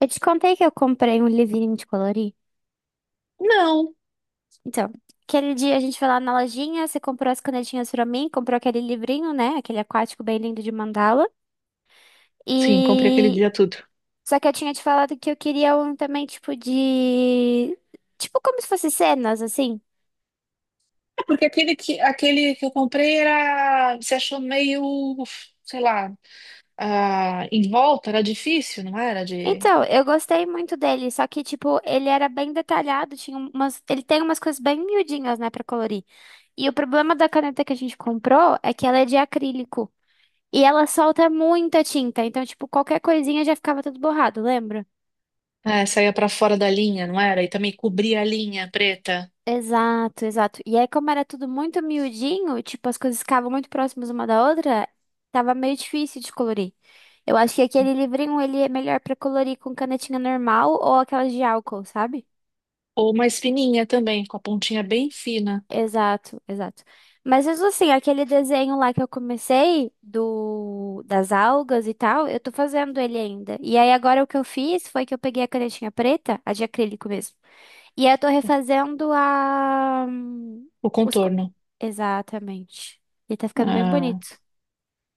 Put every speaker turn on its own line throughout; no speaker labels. Eu te contei que eu comprei um livrinho de colorir.
Não.
Então, aquele dia a gente foi lá na lojinha, você comprou as canetinhas pra mim, comprou aquele livrinho, né? Aquele aquático bem lindo de mandala.
Sim, comprei aquele
E
dia tudo.
só que eu tinha te falado que eu queria um também tipo de tipo como se fosse cenas assim.
É. Porque aquele que eu comprei era, se achou meio, sei lá, ah, em volta, era difícil, não era? De,
Então, eu gostei muito dele, só que tipo, ele era bem detalhado, ele tem umas coisas bem miudinhas, né, pra colorir. E o problema da caneta que a gente comprou é que ela é de acrílico. E ela solta muita tinta, então, tipo, qualquer coisinha já ficava tudo borrado, lembra?
é, saía pra fora da linha, não era? E também cobria a linha preta.
Exato, exato. E aí, como era tudo muito miudinho, tipo, as coisas ficavam muito próximas uma da outra, tava meio difícil de colorir. Eu acho que aquele livrinho, ele é melhor pra colorir com canetinha normal ou aquelas de álcool, sabe?
Ou mais fininha também, com a pontinha bem fina,
Exato, exato. Mas mesmo assim, aquele desenho lá que eu comecei do das algas e tal, eu tô fazendo ele ainda. E aí agora o que eu fiz foi que eu peguei a canetinha preta, a de acrílico mesmo. E eu tô
é,
refazendo
o
Os... co-
contorno.
Exatamente. E tá ficando bem
Ah,
bonito.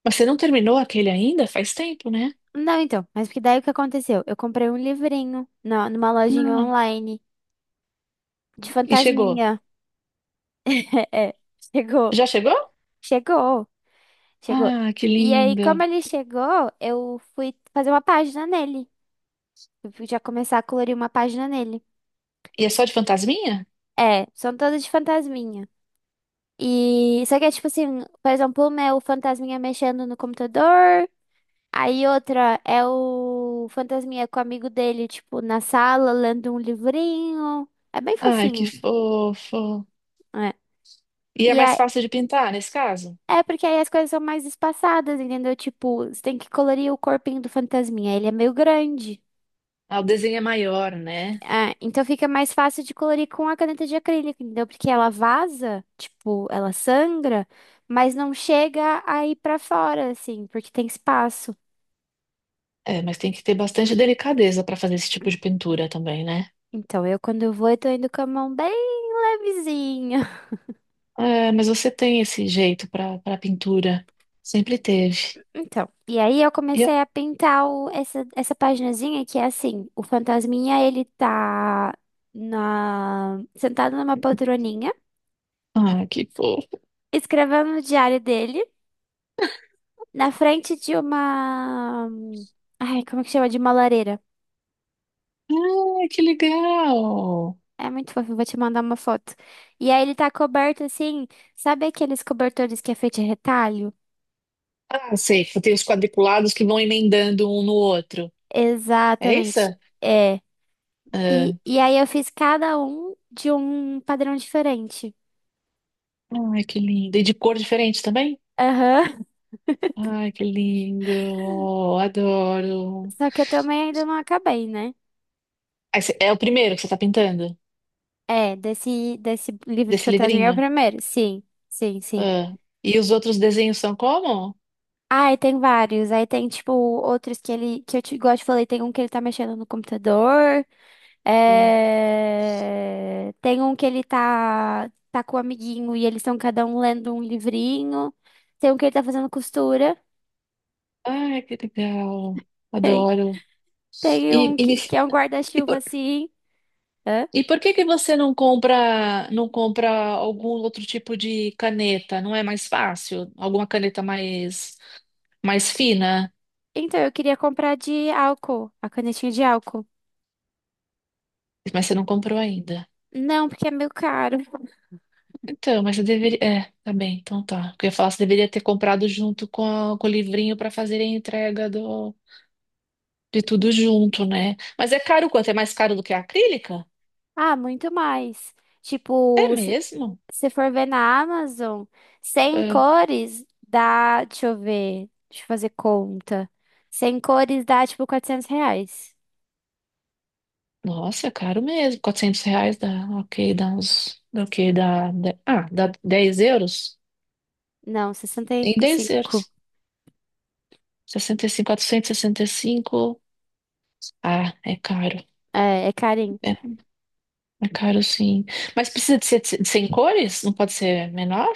mas você não terminou aquele ainda? Faz tempo, né?
Não, então, mas porque daí o que aconteceu? Eu comprei um livrinho numa lojinha
Ah,
online de
e chegou.
fantasminha. É, chegou,
Já chegou?
chegou, chegou.
Ah, que
E aí, como
lindo.
ele chegou, eu fui fazer uma página nele. Eu fui já começar a colorir uma página nele.
E é só de fantasminha?
É, são todas de fantasminha. E só que é tipo assim, por exemplo, o meu fantasminha mexendo no computador. Aí outra é o Fantasminha com o amigo dele, tipo, na sala, lendo um livrinho. É bem
Ai, que
fofinho.
fofo.
É.
E é
E
mais
aí,
fácil de pintar nesse caso?
é porque aí as coisas são mais espaçadas, entendeu? Tipo, você tem que colorir o corpinho do Fantasminha. Ele é meio grande.
Ah, o desenho é maior, né?
É, então fica mais fácil de colorir com a caneta de acrílico, entendeu? Porque ela vaza, tipo, ela sangra, mas não chega a ir pra fora, assim, porque tem espaço.
É, mas tem que ter bastante delicadeza para fazer esse tipo de pintura também, né?
Então eu, quando eu vou, eu tô indo com a mão bem levezinha.
É, mas você tem esse jeito para pintura. Sempre teve.
Então, e aí eu
E, eu-
comecei a pintar essa paginazinha que é assim, o fantasminha ele tá sentado numa poltroninha,
ah, que fofo.
escrevendo no diário dele, na frente de uma, ai, como é que chama? De uma lareira.
Ah, que legal.
É muito fofo, eu vou te mandar uma foto. E aí ele tá coberto assim, sabe aqueles cobertores que é feito de retalho?
Ah, sei, tem os quadriculados que vão emendando um no outro. É isso?
Exatamente, é. E,
Ah,
e aí eu fiz cada um de um padrão diferente.
ai, que lindo. E de cor diferente também?
Aham.
Ai, que lindo. Adoro.
Só que eu também ainda não acabei, né?
Ah, esse é o primeiro que você está pintando?
É, desse livro de
Desse
fantasminha é o
livrinho?
primeiro. Sim, sim, sim.
Ah, e os outros desenhos são como?
Ah, e tem vários. Aí tem, tipo, outros que ele, que eu te, igual eu te falei, tem um que ele tá mexendo no computador.
Ah,
Tem um que ele tá com o amiguinho e eles estão cada um lendo um livrinho. Tem um que ele tá fazendo costura.
ai, que legal.
Tem,
Adoro. E, e,
que é um
e,
guarda-chuva
por,
assim. Hã?
e por que que você não compra algum outro tipo de caneta? Não é mais fácil? Alguma caneta mais fina?
Então, eu queria comprar de álcool, a canetinha de álcool.
Mas você não comprou ainda.
Não, porque é meio caro.
Então, mas eu deveria. É, tá bem, então tá. Porque eu ia falar, você deveria ter comprado junto com, com o livrinho para fazer a entrega do, de tudo junto, né? Mas é caro quanto? É mais caro do que a acrílica?
Ah, muito mais.
É
Tipo,
mesmo?
se for ver na Amazon, 100
É.
cores dá. Deixa eu ver. Deixa eu fazer conta. 100 cores dá tipo R$ 400.
Nossa, é caro mesmo. 400 reais dá, ok, dá uns, dá o quê? Ah, dá 10 euros?
Não,
Em 10 euros.
65.
60, 65, 465. Ah, é caro.
É, é carinho.
É, é caro sim. Mas precisa de ser de sem cores? Não pode ser menor?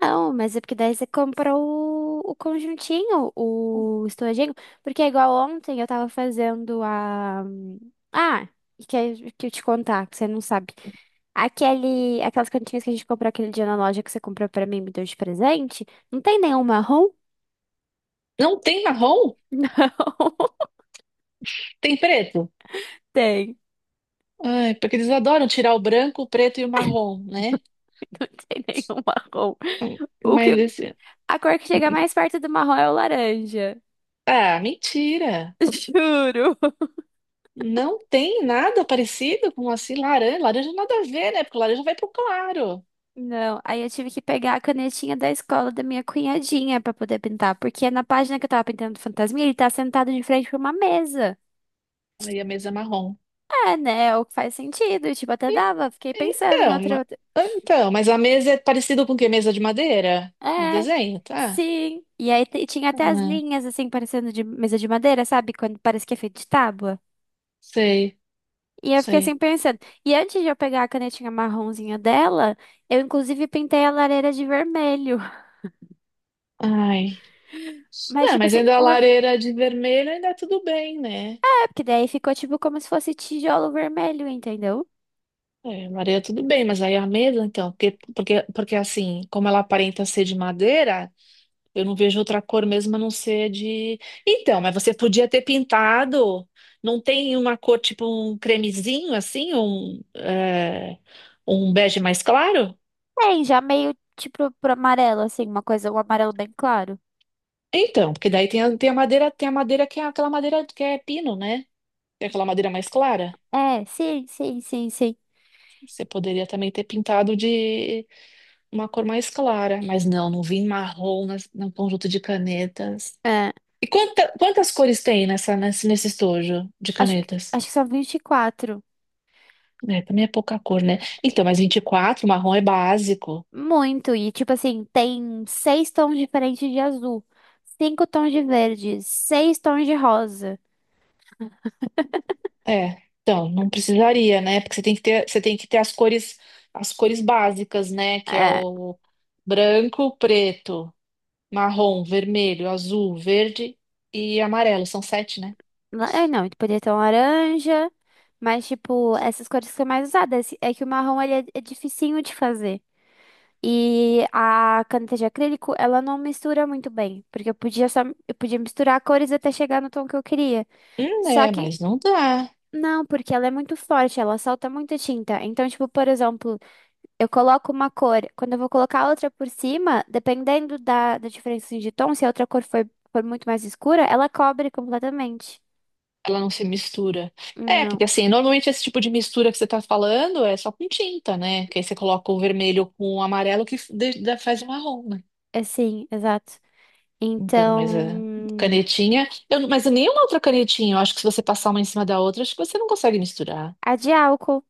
Não, mas é porque daí você compra o conjuntinho, o estojinho. Porque é igual ontem eu tava fazendo a. Ah, que eu te contar, que você não sabe. Aquelas cantinhas que a gente comprou aquele dia na loja que você comprou pra mim e me deu de presente, não tem nenhum marrom?
Não tem marrom?
Não
Tem preto?
tem.
Ai, porque eles adoram tirar o branco, o preto e o marrom, né?
Não tem nenhum marrom. O
Mas
que,
esse.
a cor que chega mais perto do marrom é o laranja.
Ah, mentira!
Juro.
Não tem nada parecido com assim laranja. Laranja nada a ver, né? Porque laranja vai pro claro.
Não, aí eu tive que pegar a canetinha da escola da minha cunhadinha pra poder pintar, porque na página que eu tava pintando do fantasminha, ele tá sentado de frente pra uma mesa.
Aí a mesa é marrom.
É, né? É o que faz sentido, tipo, até
E-
dava. Fiquei pensando em
então,
outra.
ma- então, mas a mesa é parecida com o quê? Mesa de madeira? No
É,
desenho, tá?
sim. E aí tinha até as
Ah,
linhas, assim, parecendo de mesa de madeira, sabe? Quando parece que é feito de tábua.
sei,
E eu fiquei assim
sei.
pensando. E antes de eu pegar a canetinha marronzinha dela, eu inclusive pintei a lareira de vermelho.
Ai.
Mas,
Não,
tipo
mas
assim,
ainda a lareira de vermelho ainda é tudo bem, né?
é porque daí ficou tipo como se fosse tijolo vermelho, entendeu?
É, a lareira é tudo bem, mas aí a mesa, então, porque assim, como ela aparenta ser de madeira. Eu não vejo outra cor mesmo a não ser de. Então, mas você podia ter pintado. Não tem uma cor tipo um cremezinho assim, um, é, um bege mais claro?
Tem, já meio tipo pro amarelo, assim, uma coisa, um amarelo bem claro.
Então, porque daí tem a, tem a madeira que é aquela madeira que é pino, né? Tem aquela madeira mais clara.
É, sim, sim, sim, sim.
Você poderia também ter pintado de uma cor mais clara, mas não, não vi marrom nas, no conjunto de canetas.
É,
E quantas cores tem nesse estojo de canetas?
acho que são 24.
É, também é pouca cor, né? Então, mas 24 marrom é básico.
Muito, e tipo assim, tem seis tons diferentes de azul, cinco tons de verde, seis tons de rosa.
É. Então, não precisaria, né? Porque você tem que ter, você tem que ter as cores básicas, né? Que é
É,
o branco, preto, marrom, vermelho, azul, verde e amarelo. São sete, né?
é, não, poderia ter um laranja, mas tipo, essas cores que são mais usadas. É que o marrom ele é dificinho de fazer. E a caneta de acrílico, ela não mistura muito bem, porque eu podia misturar cores até chegar no tom que eu queria. Só
É,
que
mas não dá.
não, porque ela é muito forte, ela solta muita tinta. Então, tipo, por exemplo, eu coloco uma cor, quando eu vou colocar outra por cima, dependendo da diferença assim de tom, se a outra cor for muito mais escura, ela cobre completamente.
Ela não se mistura.
Hum.
É, porque
Não,
assim, normalmente esse tipo de mistura que você tá falando é só com tinta, né? Que aí você coloca o vermelho com o amarelo que faz o marrom, né?
é sim, exato.
Então, mas a
Então,
canetinha. Eu, não- mas nenhuma outra canetinha. Eu acho que se você passar uma em cima da outra, acho que você não consegue misturar.
a de álcool.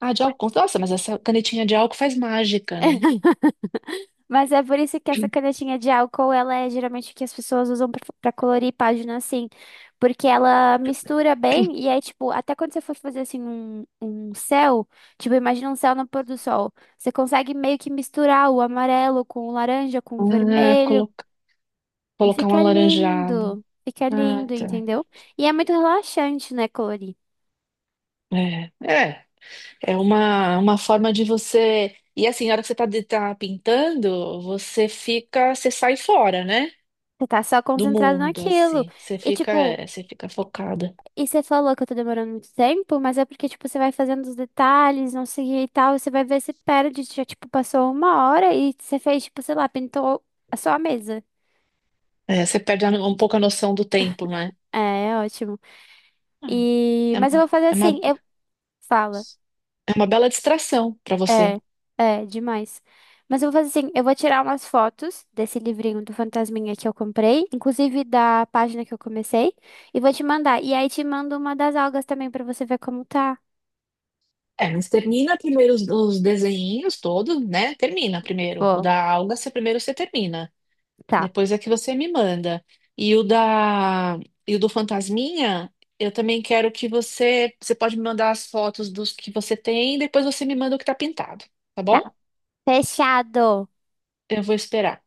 Ah, de álcool. Nossa, mas essa canetinha de álcool faz mágica, né?
Mas é por isso que essa canetinha de álcool, ela é geralmente o que as pessoas usam pra colorir página assim, porque ela mistura bem e aí, tipo, até quando você for fazer assim um céu, tipo, imagina um céu no pôr do sol, você consegue meio que misturar o amarelo com o laranja, com o
Ah,
vermelho
coloca-
e
colocar um alaranjado.
fica
Ah,
lindo,
tá.
entendeu? E é muito relaxante, né, colorir.
É, é. É uma forma de você. E assim, na hora que você tá, tá pintando, você fica. Você sai fora, né?
Você tá só
Do
concentrado
mundo,
naquilo.
assim. Você
E,
fica,
tipo,
é, você fica focada.
Você falou que eu tô demorando muito tempo, mas é porque, tipo, você vai fazendo os detalhes, não sei o que e tal, você vai ver se perde, já, tipo, passou uma hora e você fez, tipo, sei lá, pintou a sua mesa.
É, você perde um pouco a noção do tempo, né?
É, é ótimo.
Ah, é,
Mas eu vou fazer
é uma,
assim, Fala.
é uma bela distração para você.
É, é, demais. Mas eu vou fazer assim, eu vou tirar umas fotos desse livrinho do Fantasminha que eu comprei, inclusive da página que eu comecei, e vou te mandar. E aí te mando uma das algas também pra você ver como tá.
É, mas termina primeiro os desenhinhos todos, né? Termina primeiro. O
Boa.
da alga, você primeiro você termina.
Tá,
Depois é que você me manda. E o da, e o do fantasminha, eu também quero que você você pode me mandar as fotos dos que você tem, depois você me manda o que tá pintado, tá
tá.
bom?
Fechado.
Eu vou esperar.